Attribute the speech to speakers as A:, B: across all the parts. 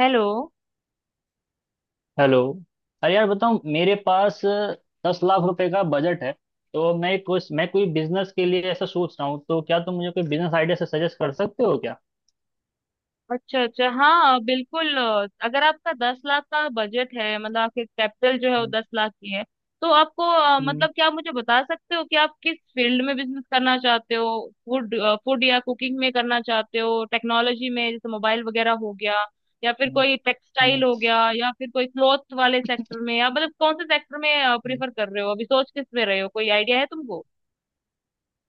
A: Hello.
B: Hello. अरे यार, बताओ, मेरे पास 10 लाख रुपए का बजट है। तो मैं कोई बिजनेस के लिए ऐसा सोच रहा हूँ, तो क्या तुम मुझे कोई बिजनेस आइडिया से सजेस्ट कर सकते हो क्या?
A: अच्छा अच्छा, हाँ बिल्कुल। अगर आपका 10 लाख का बजट है मतलब आपके कैपिटल जो है वो
B: हम्म।
A: 10 लाख की है। तो आपको
B: हम्म।
A: मतलब क्या आप मुझे बता सकते हो कि आप किस फील्ड में बिजनेस करना चाहते हो? फूड, फूड या कुकिंग में करना चाहते हो? टेक्नोलॉजी में जैसे मोबाइल वगैरह हो गया या फिर
B: हम्म।
A: कोई टेक्सटाइल हो गया या फिर कोई क्लॉथ वाले सेक्टर में? या मतलब कौन से सेक्टर में
B: हम्म।
A: प्रेफर कर रहे हो? अभी सोच किस में रहे हो? कोई आइडिया है तुमको?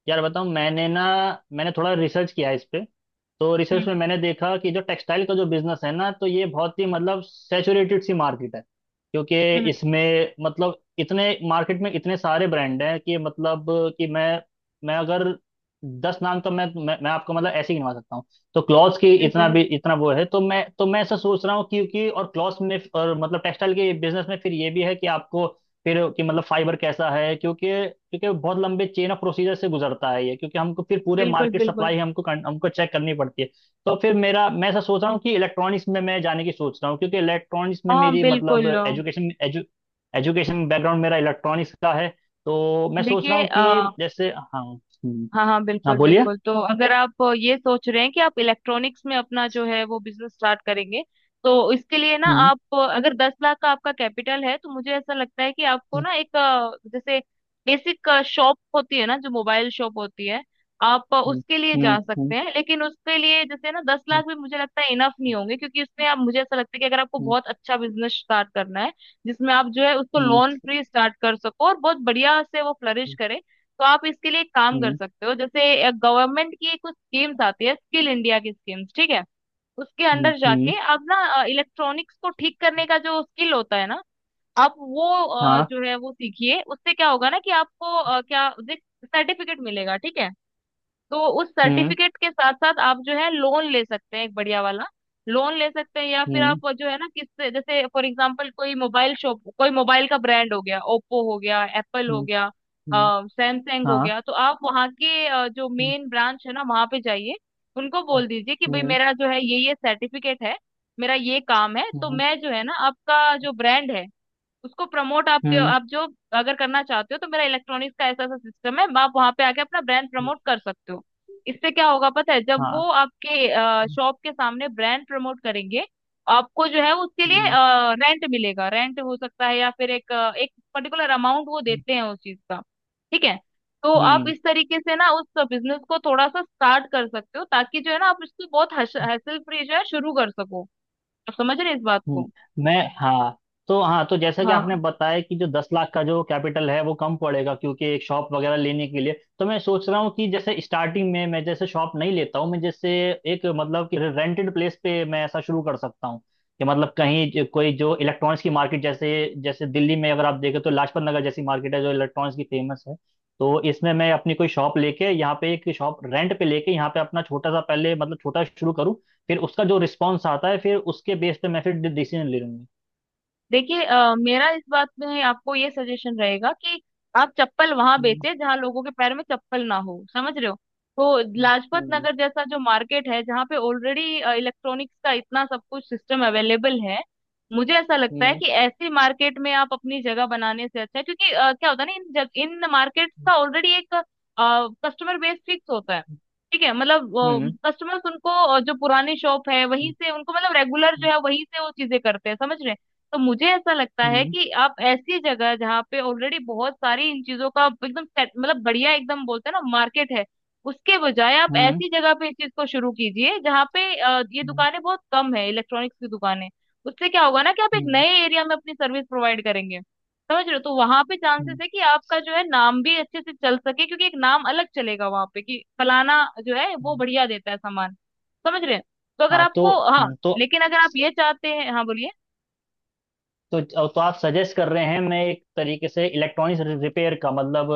B: यार बताऊँ, मैंने थोड़ा रिसर्च किया इस पे। तो रिसर्च में
A: हम्म।
B: मैंने देखा कि जो टेक्सटाइल का जो बिजनेस है ना, तो ये बहुत ही मतलब सैचुरेटेड सी मार्केट है। क्योंकि
A: हम्म।
B: इसमें मतलब इतने मार्केट में इतने सारे ब्रांड हैं कि मतलब कि मैं अगर 10 नाम तो मैं आपको मतलब ऐसे ही गिनवा सकता हूँ। तो क्लॉथ्स की इतना
A: बिल्कुल
B: भी इतना वो है, तो मैं ऐसा सोच रहा हूँ क्योंकि और क्लॉथ्स में और मतलब टेक्सटाइल के बिजनेस में फिर ये भी है कि आपको फिर कि मतलब फाइबर कैसा है, क्योंकि क्योंकि बहुत लंबे चेन ऑफ प्रोसीजर से गुजरता है ये, क्योंकि हमको फिर पूरे
A: बिल्कुल
B: मार्केट
A: बिल्कुल।
B: सप्लाई हमको हमको चेक करनी पड़ती है। तो फिर मेरा मैं ऐसा सोच रहा हूँ कि इलेक्ट्रॉनिक्स में मैं जाने की सोच रहा हूँ, क्योंकि इलेक्ट्रॉनिक्स में
A: हाँ
B: मेरी मतलब
A: बिल्कुल।
B: एजुकेशन बैकग्राउंड मेरा इलेक्ट्रॉनिक्स का है। तो मैं सोच रहा
A: देखिए
B: हूँ कि, जैसे, हाँ। हम्म।
A: हाँ हाँ
B: हाँ,
A: बिल्कुल
B: बोलिए।
A: बिल्कुल। तो अगर आप ये सोच रहे हैं कि आप इलेक्ट्रॉनिक्स में अपना जो है वो बिजनेस स्टार्ट करेंगे, तो इसके लिए ना,
B: हम्म।
A: आप अगर 10 लाख का आपका कैपिटल है तो मुझे ऐसा लगता है कि आपको
B: हम्म।
A: ना एक जैसे बेसिक शॉप होती है ना, जो मोबाइल शॉप होती है, आप उसके लिए
B: हम्म।
A: जा सकते
B: हम्म।
A: हैं। लेकिन उसके लिए जैसे ना दस
B: हम्म।
A: लाख भी मुझे लगता है इनफ नहीं होंगे, क्योंकि उसमें आप, मुझे ऐसा लगता है कि अगर आपको
B: हम्म।
A: बहुत अच्छा बिजनेस स्टार्ट करना है जिसमें आप जो है उसको
B: हम्म।
A: लोन फ्री स्टार्ट कर सको और बहुत बढ़िया से वो फ्लरिश करे, तो आप इसके लिए एक काम कर
B: हम्म।
A: सकते हो। जैसे गवर्नमेंट की कुछ स्कीम्स आती है, स्किल इंडिया की स्कीम्स, ठीक है। उसके
B: हम्म।
A: अंडर
B: हम्म। हम्म।
A: जाके आप ना इलेक्ट्रॉनिक्स को ठीक करने का जो स्किल होता है ना, आप वो
B: हाँ।
A: जो है वो सीखिए। उससे क्या होगा ना, कि आपको क्या सर्टिफिकेट मिलेगा, ठीक है। तो उस
B: हम्म।
A: सर्टिफिकेट के साथ साथ आप जो है लोन ले सकते हैं, एक बढ़िया वाला लोन ले सकते हैं। या फिर
B: हम्म।
A: आप जो है ना, किससे जैसे फॉर एग्जांपल कोई मोबाइल शॉप, कोई मोबाइल का ब्रांड हो गया, ओप्पो हो गया, एप्पल हो
B: हम्म।
A: गया,
B: हम्म।
A: सैमसंग हो
B: हाँ।
A: गया, तो आप वहाँ के जो मेन ब्रांच है ना वहाँ पे जाइए। उनको
B: हम्म।
A: बोल दीजिए कि भाई मेरा जो है ये सर्टिफिकेट है, मेरा ये काम है, तो
B: हम्म।
A: मैं जो है ना आपका जो ब्रांड है उसको प्रमोट आपके
B: हम्म।
A: आप जो अगर करना चाहते हो तो मेरा इलेक्ट्रॉनिक्स का ऐसा ऐसा सिस्टम है, आप वहां पे आके अपना ब्रांड
B: हम्म।
A: प्रमोट कर सकते हो। इससे क्या होगा पता है? जब
B: हाँ।
A: वो आपके शॉप के सामने ब्रांड प्रमोट करेंगे, आपको जो है उसके लिए
B: हम्म।
A: रेंट मिलेगा, रेंट हो सकता है या फिर एक पर्टिकुलर अमाउंट वो
B: हम्म।
A: देते हैं उस चीज का, ठीक है। तो आप
B: हम्म।
A: इस तरीके से ना उस बिजनेस को थोड़ा सा स्टार्ट कर सकते हो ताकि जो है ना आप इसको बहुत हैसल फ्री जो है शुरू कर सको। आप समझ रहे हैं इस बात
B: हम्म।
A: को?
B: मैं। हाँ। तो हाँ, तो जैसा कि आपने
A: हाँ।
B: बताया कि जो 10 लाख का जो कैपिटल है वो कम पड़ेगा, क्योंकि एक शॉप वगैरह लेने के लिए। तो मैं सोच रहा हूँ कि जैसे स्टार्टिंग में मैं जैसे शॉप नहीं लेता हूँ, मैं जैसे एक मतलब कि रेंटेड प्लेस पे मैं ऐसा शुरू कर सकता हूँ। कि मतलब कहीं कोई जो इलेक्ट्रॉनिक्स की मार्केट, जैसे जैसे दिल्ली में अगर आप देखें तो लाजपत नगर जैसी मार्केट है जो इलेक्ट्रॉनिक्स की फेमस है। तो इसमें मैं अपनी कोई शॉप लेके यहाँ पे, एक शॉप रेंट पे लेके यहाँ पे अपना छोटा सा पहले मतलब छोटा शुरू करूँ। फिर उसका जो रिस्पॉन्स आता है, फिर उसके बेस पे मैं फिर डिसीजन ले लूंगी।
A: देखिए मेरा इस बात में आपको ये सजेशन रहेगा कि आप चप्पल वहां
B: हम्म।
A: बेचे जहां लोगों के पैर में चप्पल ना हो, समझ रहे हो? तो लाजपत
B: हम्म।
A: नगर जैसा जो मार्केट है जहाँ पे ऑलरेडी इलेक्ट्रॉनिक्स का इतना सब कुछ सिस्टम अवेलेबल है, मुझे ऐसा लगता है कि ऐसी मार्केट में आप अपनी जगह बनाने से अच्छा है, क्योंकि क्या होता है ना, इन मार्केट का ऑलरेडी एक कस्टमर बेस फिक्स होता है, ठीक है मतलब।
B: हम्म।
A: कस्टमर्स उनको जो पुरानी शॉप है वहीं
B: हम्म।
A: से, उनको मतलब रेगुलर जो है वहीं से वो चीजें करते हैं, समझ रहे हैं? तो मुझे ऐसा लगता
B: हम्म।
A: है
B: हम्म।
A: कि आप ऐसी जगह जहाँ पे ऑलरेडी बहुत सारी इन चीजों का एकदम मतलब बढ़िया एकदम, बोलते हैं ना, मार्केट है, उसके बजाय आप
B: हम्म।
A: ऐसी जगह पे इस चीज को शुरू कीजिए जहाँ पे ये
B: हम्म।
A: दुकानें बहुत कम है, इलेक्ट्रॉनिक्स की दुकानें। उससे क्या होगा ना, कि आप एक
B: हम्म।
A: नए एरिया में अपनी सर्विस प्रोवाइड करेंगे, समझ रहे हो? तो वहां पे चांसेस
B: हम्म।
A: है कि आपका जो है नाम भी अच्छे से चल सके, क्योंकि एक नाम अलग चलेगा वहां पे कि फलाना जो है वो
B: हम्म।
A: बढ़िया देता है सामान, समझ रहे हैं? तो अगर
B: हाँ। तो
A: आपको, हाँ,
B: हम्म, तो
A: लेकिन अगर आप ये चाहते हैं, हाँ बोलिए।
B: तो तो आप सजेस्ट कर रहे हैं मैं एक तरीके से इलेक्ट्रॉनिक्स रिपेयर का मतलब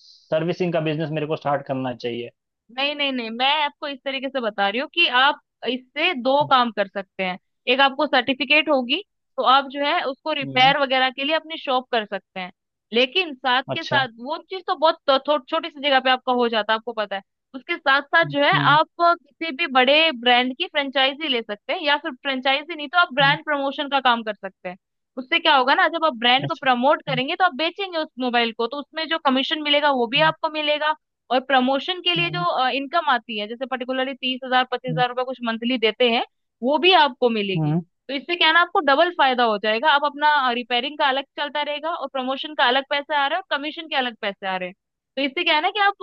B: सर्विसिंग का बिजनेस मेरे को स्टार्ट करना चाहिए।
A: नहीं, नहीं, नहीं, मैं आपको इस तरीके से बता रही हूँ कि आप इससे दो काम कर सकते हैं। एक, आपको सर्टिफिकेट होगी तो आप जो है उसको
B: हम्म।
A: रिपेयर वगैरह के लिए अपनी शॉप कर सकते हैं। लेकिन साथ के
B: अच्छा।
A: साथ वो चीज तो बहुत थो, थो, छोटी सी जगह पे आपका हो जाता है, आपको पता है। उसके साथ साथ जो है
B: हम्म।
A: आप किसी भी बड़े ब्रांड की फ्रेंचाइजी ले सकते हैं, या फिर फ्रेंचाइजी नहीं तो आप
B: हम्म।
A: ब्रांड प्रमोशन का काम कर सकते हैं। उससे क्या होगा ना, जब आप ब्रांड को
B: अच्छा।
A: प्रमोट
B: हम्म।
A: करेंगे तो आप बेचेंगे उस मोबाइल को, तो उसमें जो कमीशन मिलेगा वो भी आपको मिलेगा। और प्रमोशन के लिए
B: हम्म।
A: जो इनकम आती है, जैसे पर्टिकुलरली 30 हजार पच्चीस
B: हम्म।
A: हजार रुपये कुछ मंथली देते हैं, वो भी आपको मिलेगी।
B: हम्म।
A: तो इससे क्या है ना, आपको डबल फायदा हो जाएगा, आप अपना रिपेयरिंग का अलग चलता रहेगा और प्रमोशन का अलग पैसे आ रहे हैं और कमीशन के अलग पैसे आ रहे हैं। तो इससे क्या है ना, कि आप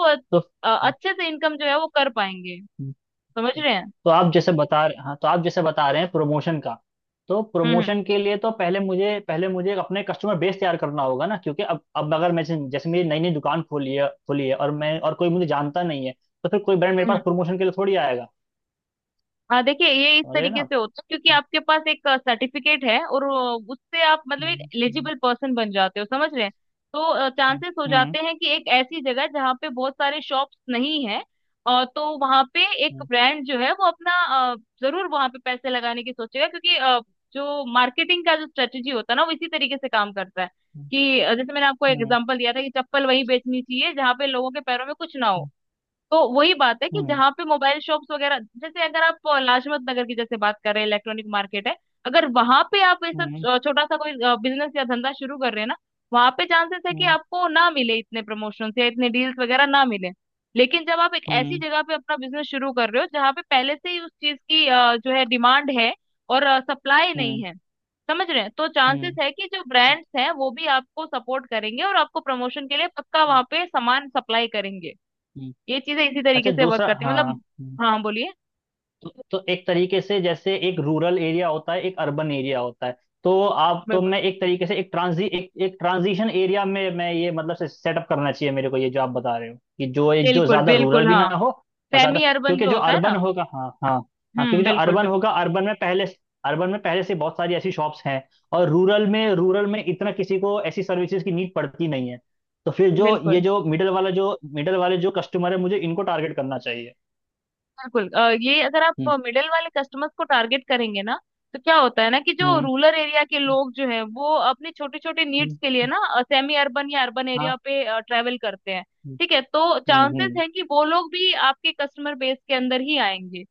A: अच्छे से इनकम जो है वो कर पाएंगे।
B: तो
A: समझ रहे हैं?
B: तो आप जैसे बता रहे हाँ तो आप जैसे बता रहे हैं प्रमोशन का। तो
A: हम्म
B: प्रमोशन के लिए तो पहले मुझे अपने कस्टमर बेस तैयार करना होगा ना, क्योंकि अब अगर मैं जैसे जैसे मेरी नई नई दुकान खोली है और कोई मुझे जानता नहीं है। तो फिर कोई ब्रांड मेरे पास
A: हम्म।
B: प्रमोशन के लिए थोड़ी आएगा।
A: हाँ देखिए ये इस
B: समझ रहे हैं ना
A: तरीके
B: आप।
A: से होता है, क्योंकि आपके पास एक सर्टिफिकेट है और उससे आप मतलब एक
B: हम्म
A: एलिजिबल पर्सन बन जाते हो, समझ रहे हैं? तो चांसेस हो
B: हम्म।
A: जाते हैं कि एक ऐसी जगह जहाँ पे बहुत सारे शॉप्स नहीं है, और तो वहाँ पे एक
B: हम्म।
A: ब्रांड जो है वो अपना अ, जरूर वहाँ पे पैसे लगाने की सोचेगा, क्योंकि जो मार्केटिंग का जो स्ट्रेटेजी होता है ना वो इसी तरीके से काम करता है, कि जैसे मैंने आपको
B: हम्म।
A: एग्जांपल दिया था कि चप्पल वहीं बेचनी चाहिए जहाँ पे लोगों के पैरों में कुछ ना हो। तो वही बात है कि
B: हम्म।
A: जहाँ पे मोबाइल शॉप्स वगैरह, जैसे अगर आप लाजपत नगर की जैसे बात कर रहे हैं, इलेक्ट्रॉनिक मार्केट है, अगर वहां पे आप ये
B: हम्म। हम्म।
A: सब छोटा सा कोई बिजनेस या धंधा शुरू कर रहे हैं ना, वहां पे चांसेस है कि
B: हम्म।
A: आपको ना मिले इतने प्रमोशंस या इतने डील्स वगैरह ना मिले। लेकिन जब आप एक ऐसी
B: हम्म।
A: जगह पे अपना बिजनेस शुरू कर रहे हो जहाँ पे पहले से ही उस चीज की जो है डिमांड है और सप्लाई नहीं
B: हम्म।
A: है, समझ रहे हैं? तो चांसेस
B: हम्म।
A: है कि जो ब्रांड्स हैं वो भी आपको सपोर्ट करेंगे और आपको प्रमोशन के लिए पक्का
B: हम्म।
A: वहां पे सामान सप्लाई करेंगे।
B: हम्म।
A: ये चीजें इसी तरीके
B: अच्छा,
A: से वर्क
B: दूसरा।
A: करती है
B: हाँ,
A: मतलब। हाँ बोलिए।
B: तो एक तरीके से जैसे एक रूरल एरिया होता है, एक अर्बन एरिया होता है। तो आप तो
A: बिल्कुल
B: मैं एक तरीके से एक एक ट्रांजिशन एरिया में मैं ये मतलब से सेटअप करना चाहिए मेरे को, ये जो आप बता रहे हो कि जो एक जो
A: बिल्कुल
B: ज्यादा रूरल
A: बिल्कुल।
B: भी ना
A: हाँ,
B: हो और ज्यादा।
A: सेमी अर्बन
B: क्योंकि
A: जो
B: जो
A: होता है ना।
B: अर्बन होगा, हाँ हाँ। हाँ, क्योंकि जो
A: बिल्कुल
B: अर्बन
A: बिल्कुल।
B: होगा, अर्बन में पहले से बहुत सारी ऐसी शॉप्स हैं। और रूरल में इतना किसी को ऐसी सर्विसेज की नीड पड़ती नहीं है। तो फिर जो ये
A: बिल्कुल
B: जो मिडल वाला जो मिडल वाले जो कस्टमर है, मुझे इनको टारगेट करना चाहिए।
A: बिल्कुल ये अगर आप
B: हम्म।
A: मिडिल वाले कस्टमर्स को टारगेट करेंगे ना, तो क्या होता है ना, कि जो
B: हम्म।
A: रूरल एरिया के लोग जो है वो अपनी छोटी छोटी नीड्स
B: हम्म।
A: के लिए ना सेमी अर्बन या अर्बन
B: हाँ।
A: एरिया पे ट्रैवल करते हैं।
B: हम्म।
A: ठीक है, तो
B: हम्म।
A: चांसेस
B: हम्म।
A: है कि वो लोग भी आपके कस्टमर बेस के अंदर ही आएंगे,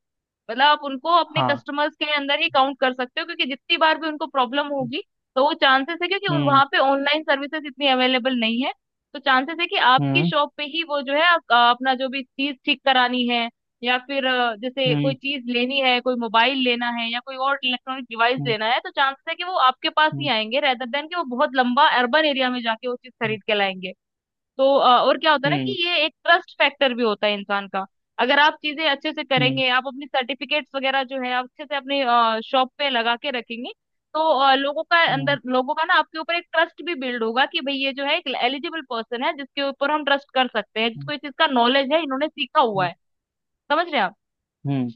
A: मतलब आप उनको अपने
B: हाँ।
A: कस्टमर्स के अंदर ही काउंट कर सकते हो, क्योंकि जितनी बार भी उनको प्रॉब्लम होगी, तो वो चांसेस है, क्योंकि
B: हम्म।
A: वहां पे ऑनलाइन सर्विसेज इतनी अवेलेबल नहीं है। तो चांसेस है कि आपकी
B: हम्म।
A: शॉप पे ही वो जो है अपना जो भी चीज ठीक करानी है या फिर जैसे कोई
B: हम्म।
A: चीज लेनी है, कोई मोबाइल लेना है या कोई और इलेक्ट्रॉनिक डिवाइस
B: हम्म।
A: लेना है, तो चांसेस है कि वो आपके पास ही
B: हम्म।
A: आएंगे, रेदर देन कि वो बहुत लंबा अर्बन एरिया में जाके वो चीज
B: हम्म।
A: खरीद के लाएंगे। तो और क्या होता है ना, कि
B: हम्म।
A: ये एक ट्रस्ट फैक्टर भी होता है इंसान का। अगर आप चीजें अच्छे से
B: हम्म।
A: करेंगे, आप अपनी सर्टिफिकेट्स वगैरह जो है आप अच्छे से अपने शॉप पे लगा के रखेंगे, तो लोगों का
B: हम्म।
A: अंदर, लोगों का ना आपके ऊपर एक ट्रस्ट भी बिल्ड होगा कि भाई ये जो है एक एलिजिबल पर्सन है जिसके ऊपर हम ट्रस्ट कर सकते हैं, जिसको इस चीज का नॉलेज है, इन्होंने सीखा हुआ
B: हम्म।
A: है। समझ रहे हैं आप?
B: हम्म।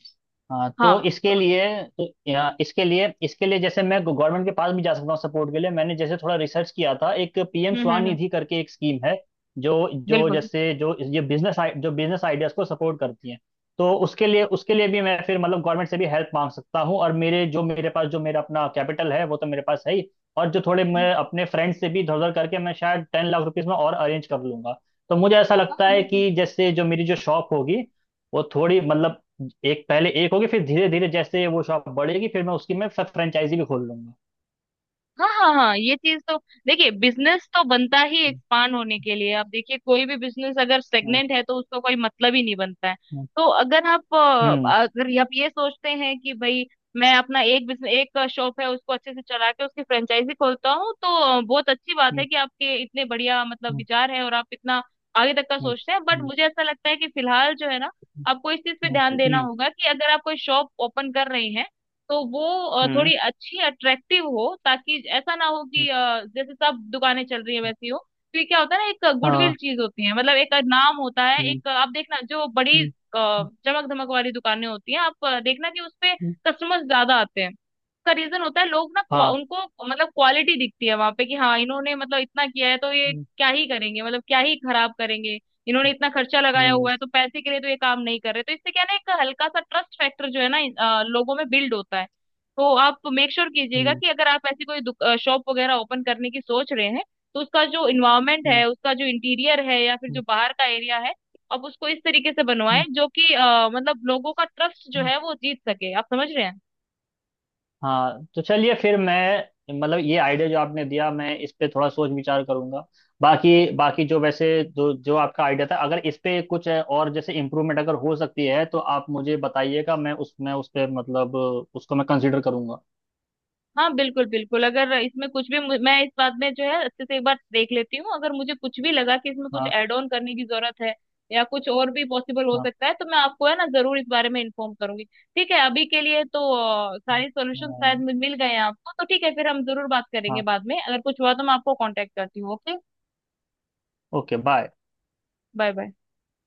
B: हाँ,
A: हाँ
B: तो इसके
A: तो।
B: लिए तो या, इसके लिए जैसे मैं गवर्नमेंट के पास भी जा सकता हूँ सपोर्ट के लिए। मैंने जैसे थोड़ा रिसर्च किया था, एक पीएम
A: हम्म।
B: स्वनिधि करके एक स्कीम है। जो जो
A: बिल्कुल।
B: जैसे जो ये बिजनेस जो बिजनेस आइडियाज को सपोर्ट करती है। तो उसके लिए भी मैं फिर मतलब गवर्नमेंट से भी हेल्प मांग सकता हूँ, और मेरे पास जो मेरा अपना कैपिटल है वो तो मेरे पास है ही। और जो थोड़े
A: हम्म,
B: मैं अपने फ्रेंड्स से भी इधर उधर करके मैं शायद 10 लाख रुपीज में और अरेंज कर लूंगा। तो मुझे ऐसा
A: हाँ,
B: लगता है
A: बिल्कुल।
B: कि जैसे जो मेरी जो शॉप होगी वो थोड़ी मतलब एक पहले एक होगी, फिर धीरे धीरे जैसे वो शॉप बढ़ेगी, फिर मैं उसकी मैं फ्रेंचाइजी भी खोल लूंगा।
A: हाँ हाँ हाँ, ये चीज तो, देखिए, बिजनेस तो बनता ही एक्सपांड होने के लिए। आप देखिए कोई भी बिजनेस अगर
B: हम्म।
A: स्टेगनेंट है तो उसका कोई मतलब ही नहीं बनता है।
B: हम्म।
A: तो
B: हम्म।
A: अगर आप ये सोचते हैं कि भाई मैं अपना एक बिजनेस, एक शॉप है उसको अच्छे से चला के उसकी फ्रेंचाइजी खोलता हूँ, तो बहुत अच्छी बात है कि आपके इतने बढ़िया मतलब
B: हम्म।
A: विचार है और आप इतना आगे तक का
B: हम्म।
A: सोचते हैं, बट मुझे ऐसा लगता है कि फिलहाल जो है ना, आपको इस चीज पे
B: हम्म।
A: ध्यान
B: हम्म।
A: देना
B: हम्म।
A: होगा कि अगर आप कोई शॉप ओपन कर रहे हैं तो वो
B: हम्म। हम्म। हम्म।
A: थोड़ी अच्छी अट्रैक्टिव हो, ताकि ऐसा ना हो
B: हम्म।
A: कि जैसे सब दुकानें चल रही है
B: हम्म।
A: वैसी हो। तो ये क्या होता है ना, एक गुडविल
B: हाँ।
A: चीज होती है, मतलब एक नाम होता है।
B: हम्म।
A: एक, आप देखना जो बड़ी
B: हम्म। हम्म।
A: चमक धमक वाली दुकानें होती हैं, आप देखना कि उसपे
B: हम्म।
A: कस्टमर्स ज्यादा आते हैं, का रीजन होता है। लोग ना
B: हाँ।
A: उनको मतलब क्वालिटी दिखती है वहां पे, कि हाँ, इन्होंने मतलब इतना किया है, तो ये
B: हम्म।
A: क्या ही करेंगे, मतलब क्या ही खराब करेंगे, इन्होंने इतना खर्चा लगाया
B: हम्म।
A: हुआ है, तो पैसे के लिए तो ये काम नहीं कर रहे। तो इससे क्या है ना, एक हल्का सा ट्रस्ट फैक्टर जो है ना लोगों में बिल्ड होता है। तो आप मेक श्योर कीजिएगा
B: हम्म।
A: कि अगर आप ऐसी कोई शॉप वगैरह ओपन करने की सोच रहे हैं तो उसका जो इन्वायरमेंट है,
B: हम्म।
A: उसका जो इंटीरियर है या फिर जो बाहर का एरिया है, आप उसको इस तरीके से बनवाएं जो कि मतलब लोगों का ट्रस्ट जो
B: हम्म।
A: है वो जीत सके। आप समझ रहे हैं?
B: हाँ, तो चलिए फिर मैं मतलब ये आइडिया जो आपने दिया मैं इस पे थोड़ा सोच विचार करूंगा। बाकी बाकी जो वैसे जो जो आपका आइडिया था, अगर इस पे कुछ है और जैसे इम्प्रूवमेंट अगर हो सकती है तो आप मुझे बताइएगा, मैं उसमें उस पे मतलब उसको मैं कंसिडर करूंगा।
A: हाँ बिल्कुल बिल्कुल, अगर इसमें कुछ भी मैं इस बात में जो है अच्छे से एक बार देख लेती हूँ, अगर मुझे कुछ भी लगा कि इसमें कुछ
B: हाँ।
A: एड ऑन करने की जरूरत है या कुछ और भी पॉसिबल हो
B: हाँ।
A: सकता है तो मैं आपको है ना जरूर इस बारे में इन्फॉर्म करूंगी। ठीक है, अभी के लिए तो सारे सॉल्यूशन शायद
B: हाँ।
A: मिल मिल गए हैं आपको, तो ठीक है, फिर हम जरूर बात करेंगे,
B: हाँ।
A: बाद में अगर कुछ हुआ तो मैं आपको कांटेक्ट करती हूँ, okay.
B: Okay, bye.
A: Bye bye.